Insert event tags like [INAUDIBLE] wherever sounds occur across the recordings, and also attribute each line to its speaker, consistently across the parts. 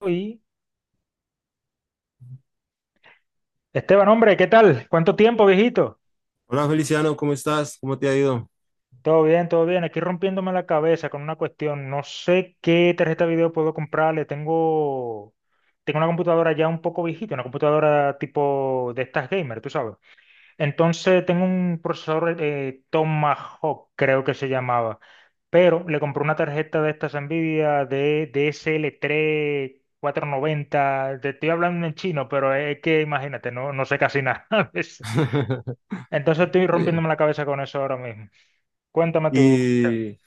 Speaker 1: Uy. Esteban, hombre, ¿qué tal? ¿Cuánto tiempo, viejito?
Speaker 2: Hola Feliciano, ¿cómo estás? ¿Cómo te ha ido?
Speaker 1: Todo bien, todo bien. Aquí rompiéndome la cabeza con una cuestión. No sé qué tarjeta de video puedo comprarle. Tengo una computadora ya un poco viejita, una computadora tipo de estas gamer, tú sabes. Entonces tengo un procesador Tomahawk, creo que se llamaba. Pero le compré una tarjeta de estas Nvidia de DSL3 490. Te estoy hablando en chino, pero es que imagínate, no, no sé casi nada. [LAUGHS]
Speaker 2: [LAUGHS]
Speaker 1: Entonces estoy
Speaker 2: Sí.
Speaker 1: rompiéndome la cabeza con eso ahora mismo. Cuéntame tú.
Speaker 2: Y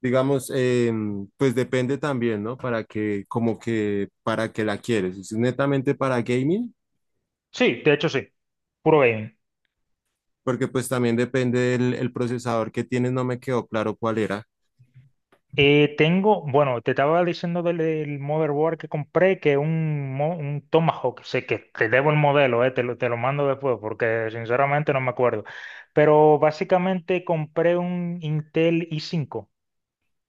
Speaker 2: digamos, pues depende también, ¿no? Para que, como que, para que la quieres. Si es netamente para gaming,
Speaker 1: Sí, de hecho sí, puro gaming.
Speaker 2: porque pues también depende del el procesador que tienes, no me quedó claro cuál era.
Speaker 1: Bueno, te estaba diciendo del motherboard que compré, que es un Tomahawk. Sé que te debo el modelo, te lo mando después porque sinceramente no me acuerdo. Pero básicamente compré un Intel i5.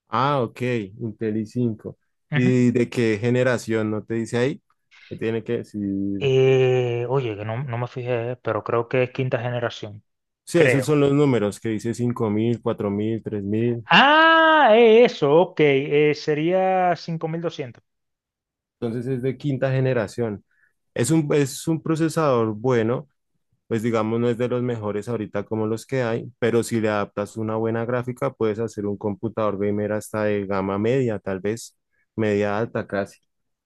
Speaker 2: Ah, ok, Intel i5.
Speaker 1: Ujú.
Speaker 2: ¿Y de qué generación? ¿No te dice ahí? Que tiene que decir.
Speaker 1: Oye, que no, no me fijé, pero creo que es quinta generación,
Speaker 2: Sí,
Speaker 1: creo.
Speaker 2: esos son los números que dice 5000, 4000, 3000.
Speaker 1: Ah, es eso, ok, sería 5200.
Speaker 2: Entonces es de quinta generación. Es un procesador bueno, pues digamos no es de los mejores ahorita como los que hay, pero si le adaptas una buena gráfica puedes hacer un computador gamer hasta de gama media, tal vez media alta casi.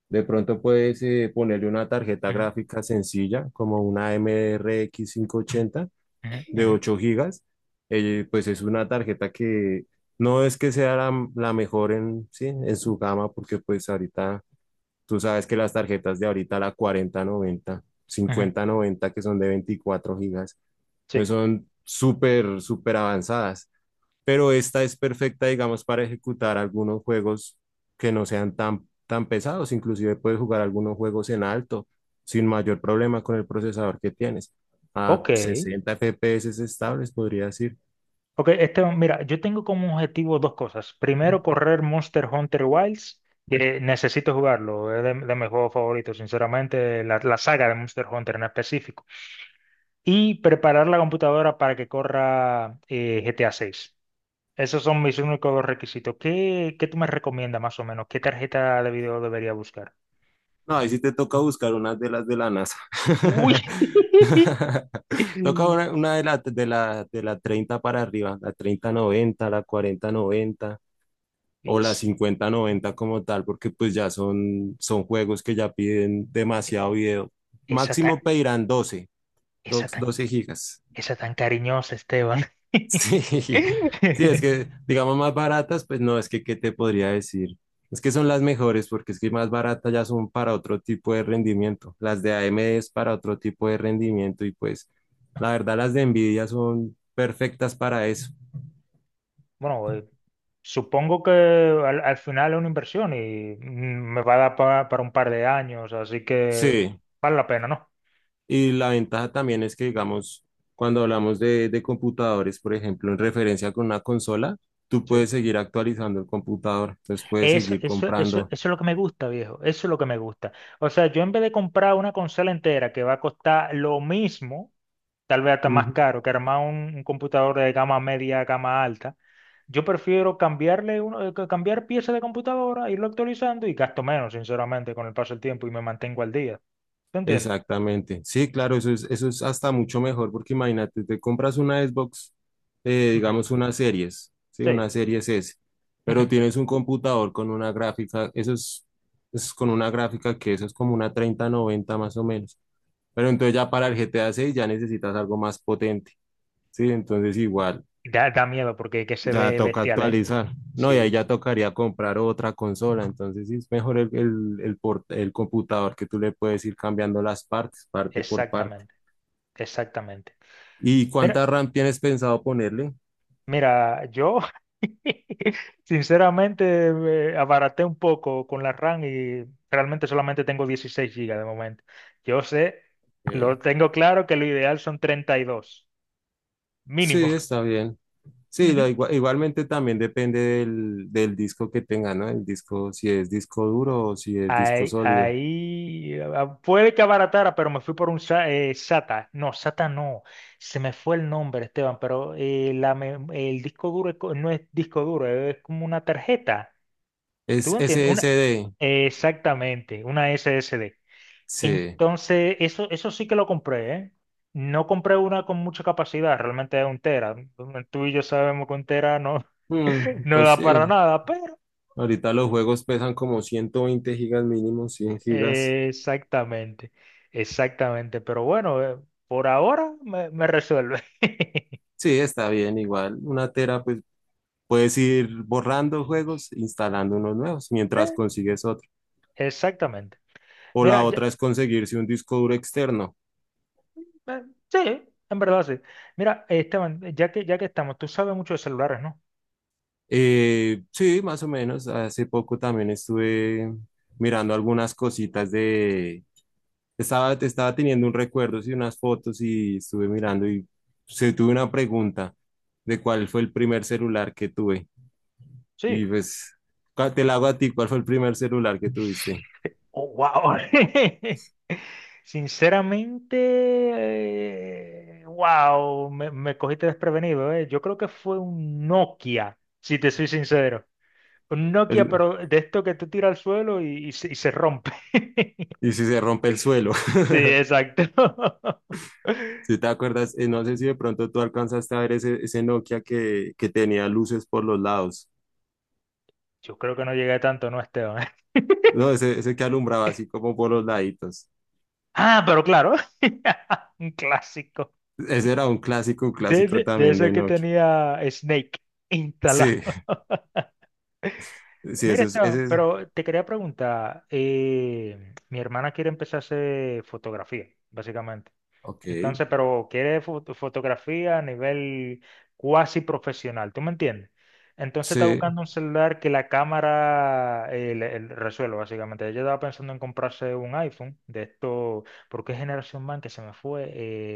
Speaker 2: De pronto puedes ponerle una tarjeta gráfica sencilla como una MRX 80
Speaker 1: Ujú,
Speaker 2: de
Speaker 1: ujú,
Speaker 2: 8 gigas. Pues es una tarjeta que no es que sea la mejor en, sí, en su gama, porque pues ahorita tú sabes que las tarjetas de ahorita, la cuarenta noventa,
Speaker 1: ujú.
Speaker 2: 5090 que son de 24 gigas, pues
Speaker 1: Sí,
Speaker 2: son súper, súper avanzadas. Pero esta es perfecta, digamos, para ejecutar algunos juegos que no sean tan, tan pesados. Inclusive puedes jugar algunos juegos en alto sin mayor problema con el procesador que tienes. A
Speaker 1: ok.
Speaker 2: 60 FPS estables, podría decir.
Speaker 1: Ok, este, mira, yo tengo como objetivo dos cosas. Primero, correr Monster Hunter Wilds, que necesito jugarlo, es de mis juegos favoritos, sinceramente, la saga de Monster Hunter en específico. Y preparar la computadora para que corra GTA 6. Esos son mis únicos dos requisitos. ¿Qué tú me recomiendas más o menos? ¿Qué tarjeta de video debería buscar?
Speaker 2: No, ahí sí te toca buscar unas de las de la NASA.
Speaker 1: Uy. [LAUGHS]
Speaker 2: [LAUGHS] Toca una de la 30 para arriba, la 3090, la 4090 o la
Speaker 1: Yes.
Speaker 2: 5090 como tal, porque pues ya son juegos que ya piden demasiado video.
Speaker 1: Esa tan,
Speaker 2: Máximo pedirán doce
Speaker 1: esa tan
Speaker 2: doce gigas.
Speaker 1: Esa tan cariñosa, Esteban.
Speaker 2: Sí, [LAUGHS] sí, es
Speaker 1: [LAUGHS]
Speaker 2: que, digamos, más baratas, pues no, es que, ¿qué te podría decir? Es que son las mejores, porque es que más baratas ya son para otro tipo de rendimiento. Las de AMD es para otro tipo de rendimiento y pues, la verdad, las de Nvidia son perfectas para eso.
Speaker 1: Bueno, supongo que al final es una inversión y me va a dar para un par de años, así que
Speaker 2: Sí,
Speaker 1: vale la pena, ¿no?
Speaker 2: y la ventaja también es que, digamos, cuando hablamos de computadores, por ejemplo, en referencia con una consola, tú
Speaker 1: Sí.
Speaker 2: puedes seguir actualizando el computador, entonces puedes
Speaker 1: Eso,
Speaker 2: seguir
Speaker 1: eso, eso, eso
Speaker 2: comprando.
Speaker 1: es lo que me gusta, viejo. Eso es lo que me gusta. O sea, yo en vez de comprar una consola entera que va a costar lo mismo, tal vez hasta más caro que armar un computador de gama media a gama alta. Yo prefiero cambiarle uno, cambiar piezas de computadora, irlo actualizando y gasto menos, sinceramente, con el paso del tiempo y me mantengo al día. ¿Tú entiendes?
Speaker 2: Exactamente. Sí, claro, eso es hasta mucho mejor, porque imagínate, te compras una Xbox,
Speaker 1: Ujú.
Speaker 2: digamos unas series, sí, una
Speaker 1: Sí.
Speaker 2: series S, pero
Speaker 1: Ujú.
Speaker 2: tienes un computador con una gráfica, es con una gráfica que eso es como una 3090 más o menos. Pero entonces ya para el GTA 6 ya necesitas algo más potente, sí, entonces igual
Speaker 1: Da miedo porque que se
Speaker 2: ya
Speaker 1: ve
Speaker 2: toca
Speaker 1: bestial, ¿eh?
Speaker 2: actualizar. No, y ahí
Speaker 1: Sí,
Speaker 2: ya
Speaker 1: sí.
Speaker 2: tocaría comprar otra consola, entonces sí es mejor el computador que tú le puedes ir cambiando las partes, parte por parte.
Speaker 1: Exactamente, exactamente.
Speaker 2: ¿Y cuánta RAM tienes pensado ponerle?
Speaker 1: Mira, yo [LAUGHS] sinceramente me abaraté un poco con la RAM y realmente solamente tengo 16 gigas de momento. Yo sé,
Speaker 2: Ok.
Speaker 1: lo tengo claro que lo ideal son 32, mínimo.
Speaker 2: Sí,
Speaker 1: [LAUGHS]
Speaker 2: está bien. Sí,
Speaker 1: Ujú.
Speaker 2: igualmente también depende del disco que tenga, ¿no? El disco, si es disco duro o si es disco
Speaker 1: Ahí,
Speaker 2: sólido.
Speaker 1: ahí ah, puede que abaratara, pero me fui por un SATA. No, SATA no. Se me fue el nombre, Esteban, pero el disco duro no es disco duro, es como una tarjeta.
Speaker 2: Es
Speaker 1: ¿Tú entiendes? Una,
Speaker 2: SSD.
Speaker 1: exactamente, una SSD.
Speaker 2: Sí.
Speaker 1: Entonces, eso sí que lo compré, ¿eh? No compré una con mucha capacidad, realmente es un tera. Tú y yo sabemos que un tera no,
Speaker 2: Mm,
Speaker 1: [LAUGHS] no
Speaker 2: pues
Speaker 1: da
Speaker 2: sí,
Speaker 1: para nada, pero
Speaker 2: ahorita los juegos pesan como 120 gigas mínimo, 100 gigas.
Speaker 1: exactamente, exactamente. Pero bueno, por ahora me resuelve. [LAUGHS]
Speaker 2: Sí, está bien, igual. Una tera, pues puedes ir borrando juegos, instalando unos nuevos mientras
Speaker 1: Eh,
Speaker 2: consigues otro.
Speaker 1: Exactamente.
Speaker 2: O la
Speaker 1: Mira,
Speaker 2: otra es conseguirse un disco duro externo.
Speaker 1: eh, sí, en verdad sí. Mira, Esteban, ya que estamos, tú sabes mucho de celulares, ¿no?
Speaker 2: Sí, más o menos. Hace poco también estuve mirando algunas cositas de. Estaba teniendo un recuerdo y unas fotos, y estuve mirando y se tuve una pregunta de cuál fue el primer celular que tuve. Y
Speaker 1: Sí.
Speaker 2: pues te la hago a ti, ¿cuál fue el primer celular que tuviste?
Speaker 1: Oh, wow. [LAUGHS] Sinceramente, wow, me cogiste desprevenido, eh. Yo creo que fue un Nokia, si te soy sincero. Un Nokia,
Speaker 2: El-
Speaker 1: pero de esto que tú tiras al suelo y se rompe. [LAUGHS]
Speaker 2: y si se rompe el suelo.
Speaker 1: Sí,
Speaker 2: [LAUGHS]
Speaker 1: exacto.
Speaker 2: Si
Speaker 1: [LAUGHS]
Speaker 2: te acuerdas, no sé si de pronto tú alcanzaste a ver ese, ese Nokia que tenía luces por los lados.
Speaker 1: Yo creo que no llegué a tanto, ¿no, Esteban? [LAUGHS]
Speaker 2: No, ese que alumbraba así como por los laditos.
Speaker 1: Ah, pero claro, [LAUGHS] un clásico.
Speaker 2: Ese era un
Speaker 1: De,
Speaker 2: clásico
Speaker 1: de, de
Speaker 2: también de
Speaker 1: ese que
Speaker 2: Nokia.
Speaker 1: tenía Snake instalado.
Speaker 2: Sí, sí,
Speaker 1: Mira,
Speaker 2: ese es,
Speaker 1: Esteban,
Speaker 2: ese es.
Speaker 1: pero te quería preguntar, mi hermana quiere empezar a hacer fotografía, básicamente.
Speaker 2: Ok.
Speaker 1: Entonces, pero quiere fotografía a nivel cuasi profesional, ¿tú me entiendes? Entonces está
Speaker 2: Sí,
Speaker 1: buscando un celular que la cámara le resuelva, básicamente. Ella estaba pensando en comprarse un iPhone de esto, porque ¿qué generación, man, que se me fue?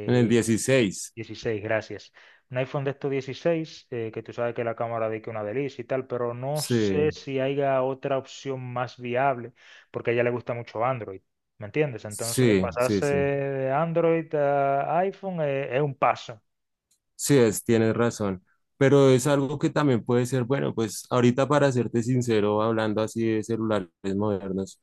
Speaker 2: en el 16.
Speaker 1: 16, gracias. Un iPhone de estos 16, que tú sabes que la cámara de que una delicia y tal, pero no sé
Speaker 2: Sí,
Speaker 1: si haya otra opción más viable, porque a ella le gusta mucho Android, ¿me entiendes? Entonces,
Speaker 2: sí, sí,
Speaker 1: pasarse
Speaker 2: sí.
Speaker 1: de Android a iPhone es un paso.
Speaker 2: Sí, tienes razón. Pero es algo que también puede ser, bueno, pues ahorita, para serte sincero, hablando así de celulares modernos,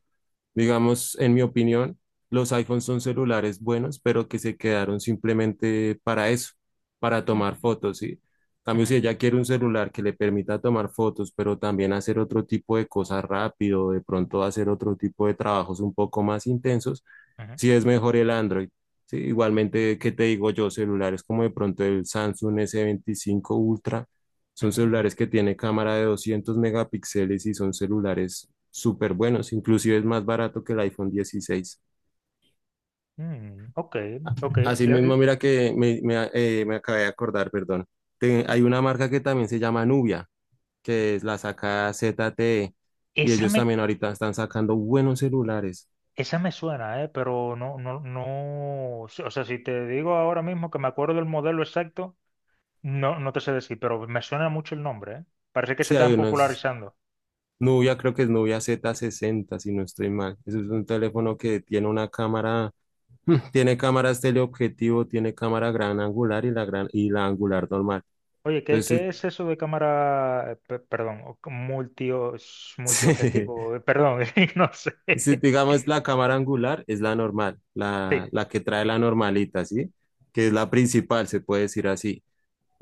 Speaker 2: digamos, en mi opinión, los iPhones son celulares buenos, pero que se quedaron simplemente para eso, para
Speaker 1: Mm,
Speaker 2: tomar fotos, ¿sí? En cambio, si
Speaker 1: ujú,
Speaker 2: ella quiere un celular que le permita tomar fotos, pero también hacer otro tipo de cosas rápido, de pronto hacer otro tipo de trabajos un poco más intensos,
Speaker 1: ujú,
Speaker 2: sí es mejor el Android. Sí, igualmente, ¿qué te digo yo? Celulares como de pronto el Samsung S25 Ultra
Speaker 1: ujú,
Speaker 2: son
Speaker 1: ujú.
Speaker 2: celulares que tienen cámara de 200 megapíxeles y son celulares súper buenos, inclusive es más barato que el iPhone 16.
Speaker 1: Mm, ok, ok. Le-
Speaker 2: Asimismo,
Speaker 1: le-
Speaker 2: mira que me acabé de acordar, perdón. Hay
Speaker 1: eh,
Speaker 2: una marca que también se llama Nubia, que es la saca ZTE, y
Speaker 1: esa
Speaker 2: ellos
Speaker 1: me,
Speaker 2: también ahorita están sacando buenos celulares.
Speaker 1: esa me suena, pero no, no, no. O sea, si te digo ahora mismo que me acuerdo del modelo exacto. No, no te sé decir, pero me suena mucho el nombre, ¿eh? Parece que se
Speaker 2: Sí, hay
Speaker 1: están
Speaker 2: unos.
Speaker 1: popularizando.
Speaker 2: Nubia, creo que es Nubia Z60, si no estoy mal. Ese es un teléfono que tiene una cámara. [LAUGHS] Tiene cámaras teleobjetivo, tiene cámara gran angular y la gran y la angular normal.
Speaker 1: Oye, ¿qué,
Speaker 2: Entonces,
Speaker 1: qué es eso de cámara, perdón,
Speaker 2: [LAUGHS] si,
Speaker 1: multiobjetivo? Perdón, [LAUGHS] no sé.
Speaker 2: si digamos, la cámara angular es la normal, la,
Speaker 1: Sí.
Speaker 2: la que trae la normalita, ¿sí? Que es la principal, se puede decir así.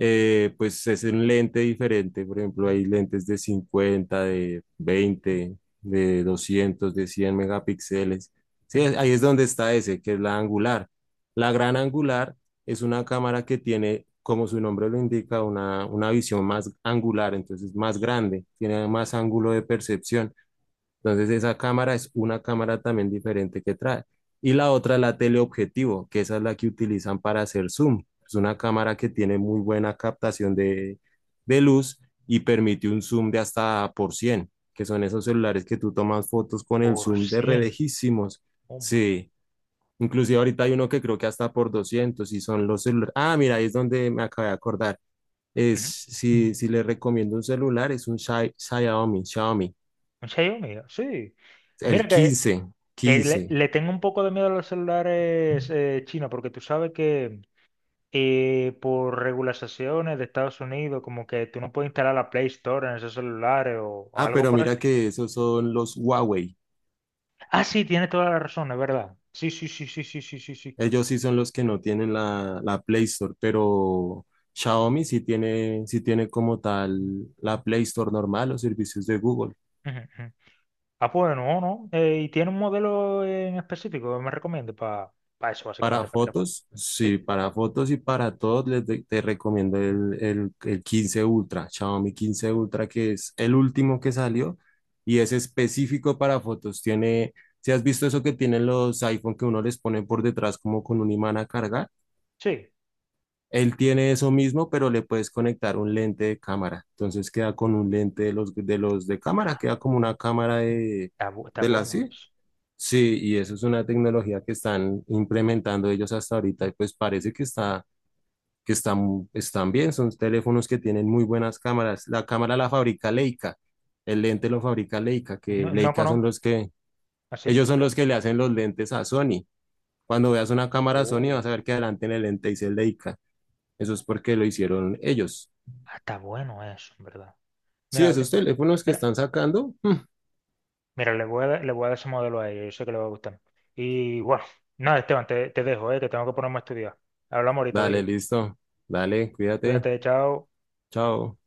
Speaker 2: Pues es un lente diferente. Por ejemplo, hay lentes de 50, de 20, de 200, de 100 megapíxeles. Sí,
Speaker 1: Ujú.
Speaker 2: ahí es donde está ese, que es la angular. La gran angular es una cámara que tiene, como su nombre lo indica, una visión más angular, entonces más grande, tiene más ángulo de percepción. Entonces esa cámara es una cámara también diferente que trae. Y la otra es la teleobjetivo, que esa es la que utilizan para hacer zoom. Es una cámara que tiene muy buena captación de luz y permite un zoom de hasta por 100, que son esos celulares que tú tomas fotos con el
Speaker 1: Por
Speaker 2: zoom de re
Speaker 1: cien.
Speaker 2: lejísimos.
Speaker 1: Oh my.
Speaker 2: Sí, inclusive ahorita hay uno que creo que hasta por 200, y son los celulares. Ah, mira, ahí es donde me acabé de acordar. Es,
Speaker 1: Ujú.
Speaker 2: si, si les recomiendo un celular, es un Xiaomi.
Speaker 1: ¿Un Xiaomi? Sí.
Speaker 2: El
Speaker 1: Mira que,
Speaker 2: quince
Speaker 1: que
Speaker 2: quince
Speaker 1: le tengo un poco de miedo a los celulares chinos, porque tú sabes que por regulaciones de Estados Unidos, como que tú no puedes instalar la Play Store en esos celulares o
Speaker 2: Ah,
Speaker 1: algo
Speaker 2: pero
Speaker 1: por.
Speaker 2: mira que esos son los Huawei.
Speaker 1: Ah, sí, tiene toda la razón, es verdad. Sí, sí, sí, sí, sí, sí, sí, sí.
Speaker 2: Ellos sí son los que no tienen la Play Store, pero Xiaomi sí tiene como tal la Play Store normal, los servicios de Google.
Speaker 1: Ujú, ujú. Ah, pues no, no. ¿Y tiene un modelo en específico que me recomiende para eso,
Speaker 2: Para
Speaker 1: básicamente, para tirar fuego?
Speaker 2: fotos, sí,
Speaker 1: Sí,
Speaker 2: para fotos y para todos te recomiendo el 15 Ultra, Xiaomi 15 Ultra, que es el último que salió y es específico para fotos. Tiene, si has visto eso que tienen los iPhone que uno les pone por detrás como con un imán a cargar?
Speaker 1: sí.
Speaker 2: Él tiene eso mismo, pero le puedes conectar un lente de cámara. Entonces queda con un lente de los de cámara, queda como una cámara de,
Speaker 1: Está
Speaker 2: de la
Speaker 1: bueno
Speaker 2: sí.
Speaker 1: eso.
Speaker 2: Sí, y eso es una tecnología que están implementando ellos hasta ahorita y pues parece que están bien. Son teléfonos que tienen muy buenas cámaras. La cámara la fabrica Leica, el lente lo fabrica Leica, que
Speaker 1: No, no
Speaker 2: Leica son
Speaker 1: conozco.
Speaker 2: los que,
Speaker 1: ¿Así?
Speaker 2: ellos son los que le hacen los lentes a Sony. Cuando veas una cámara Sony, vas
Speaker 1: Oh,
Speaker 2: a ver que adelante en el lente dice Leica. Eso es porque lo hicieron ellos.
Speaker 1: ah, está bueno eso, en verdad.
Speaker 2: Sí,
Speaker 1: Mira,
Speaker 2: es
Speaker 1: le-
Speaker 2: usted, teléfonos que
Speaker 1: mira,
Speaker 2: están sacando. [LAUGHS]
Speaker 1: mira, le voy a dar ese modelo a ella, yo sé que le va a gustar. Y bueno, nada, Esteban, te dejo, que tengo que ponerme a estudiar. Hablamos ahorita,
Speaker 2: Dale,
Speaker 1: viejito.
Speaker 2: listo. Dale, cuídate.
Speaker 1: Cuídate, chao.
Speaker 2: Chao.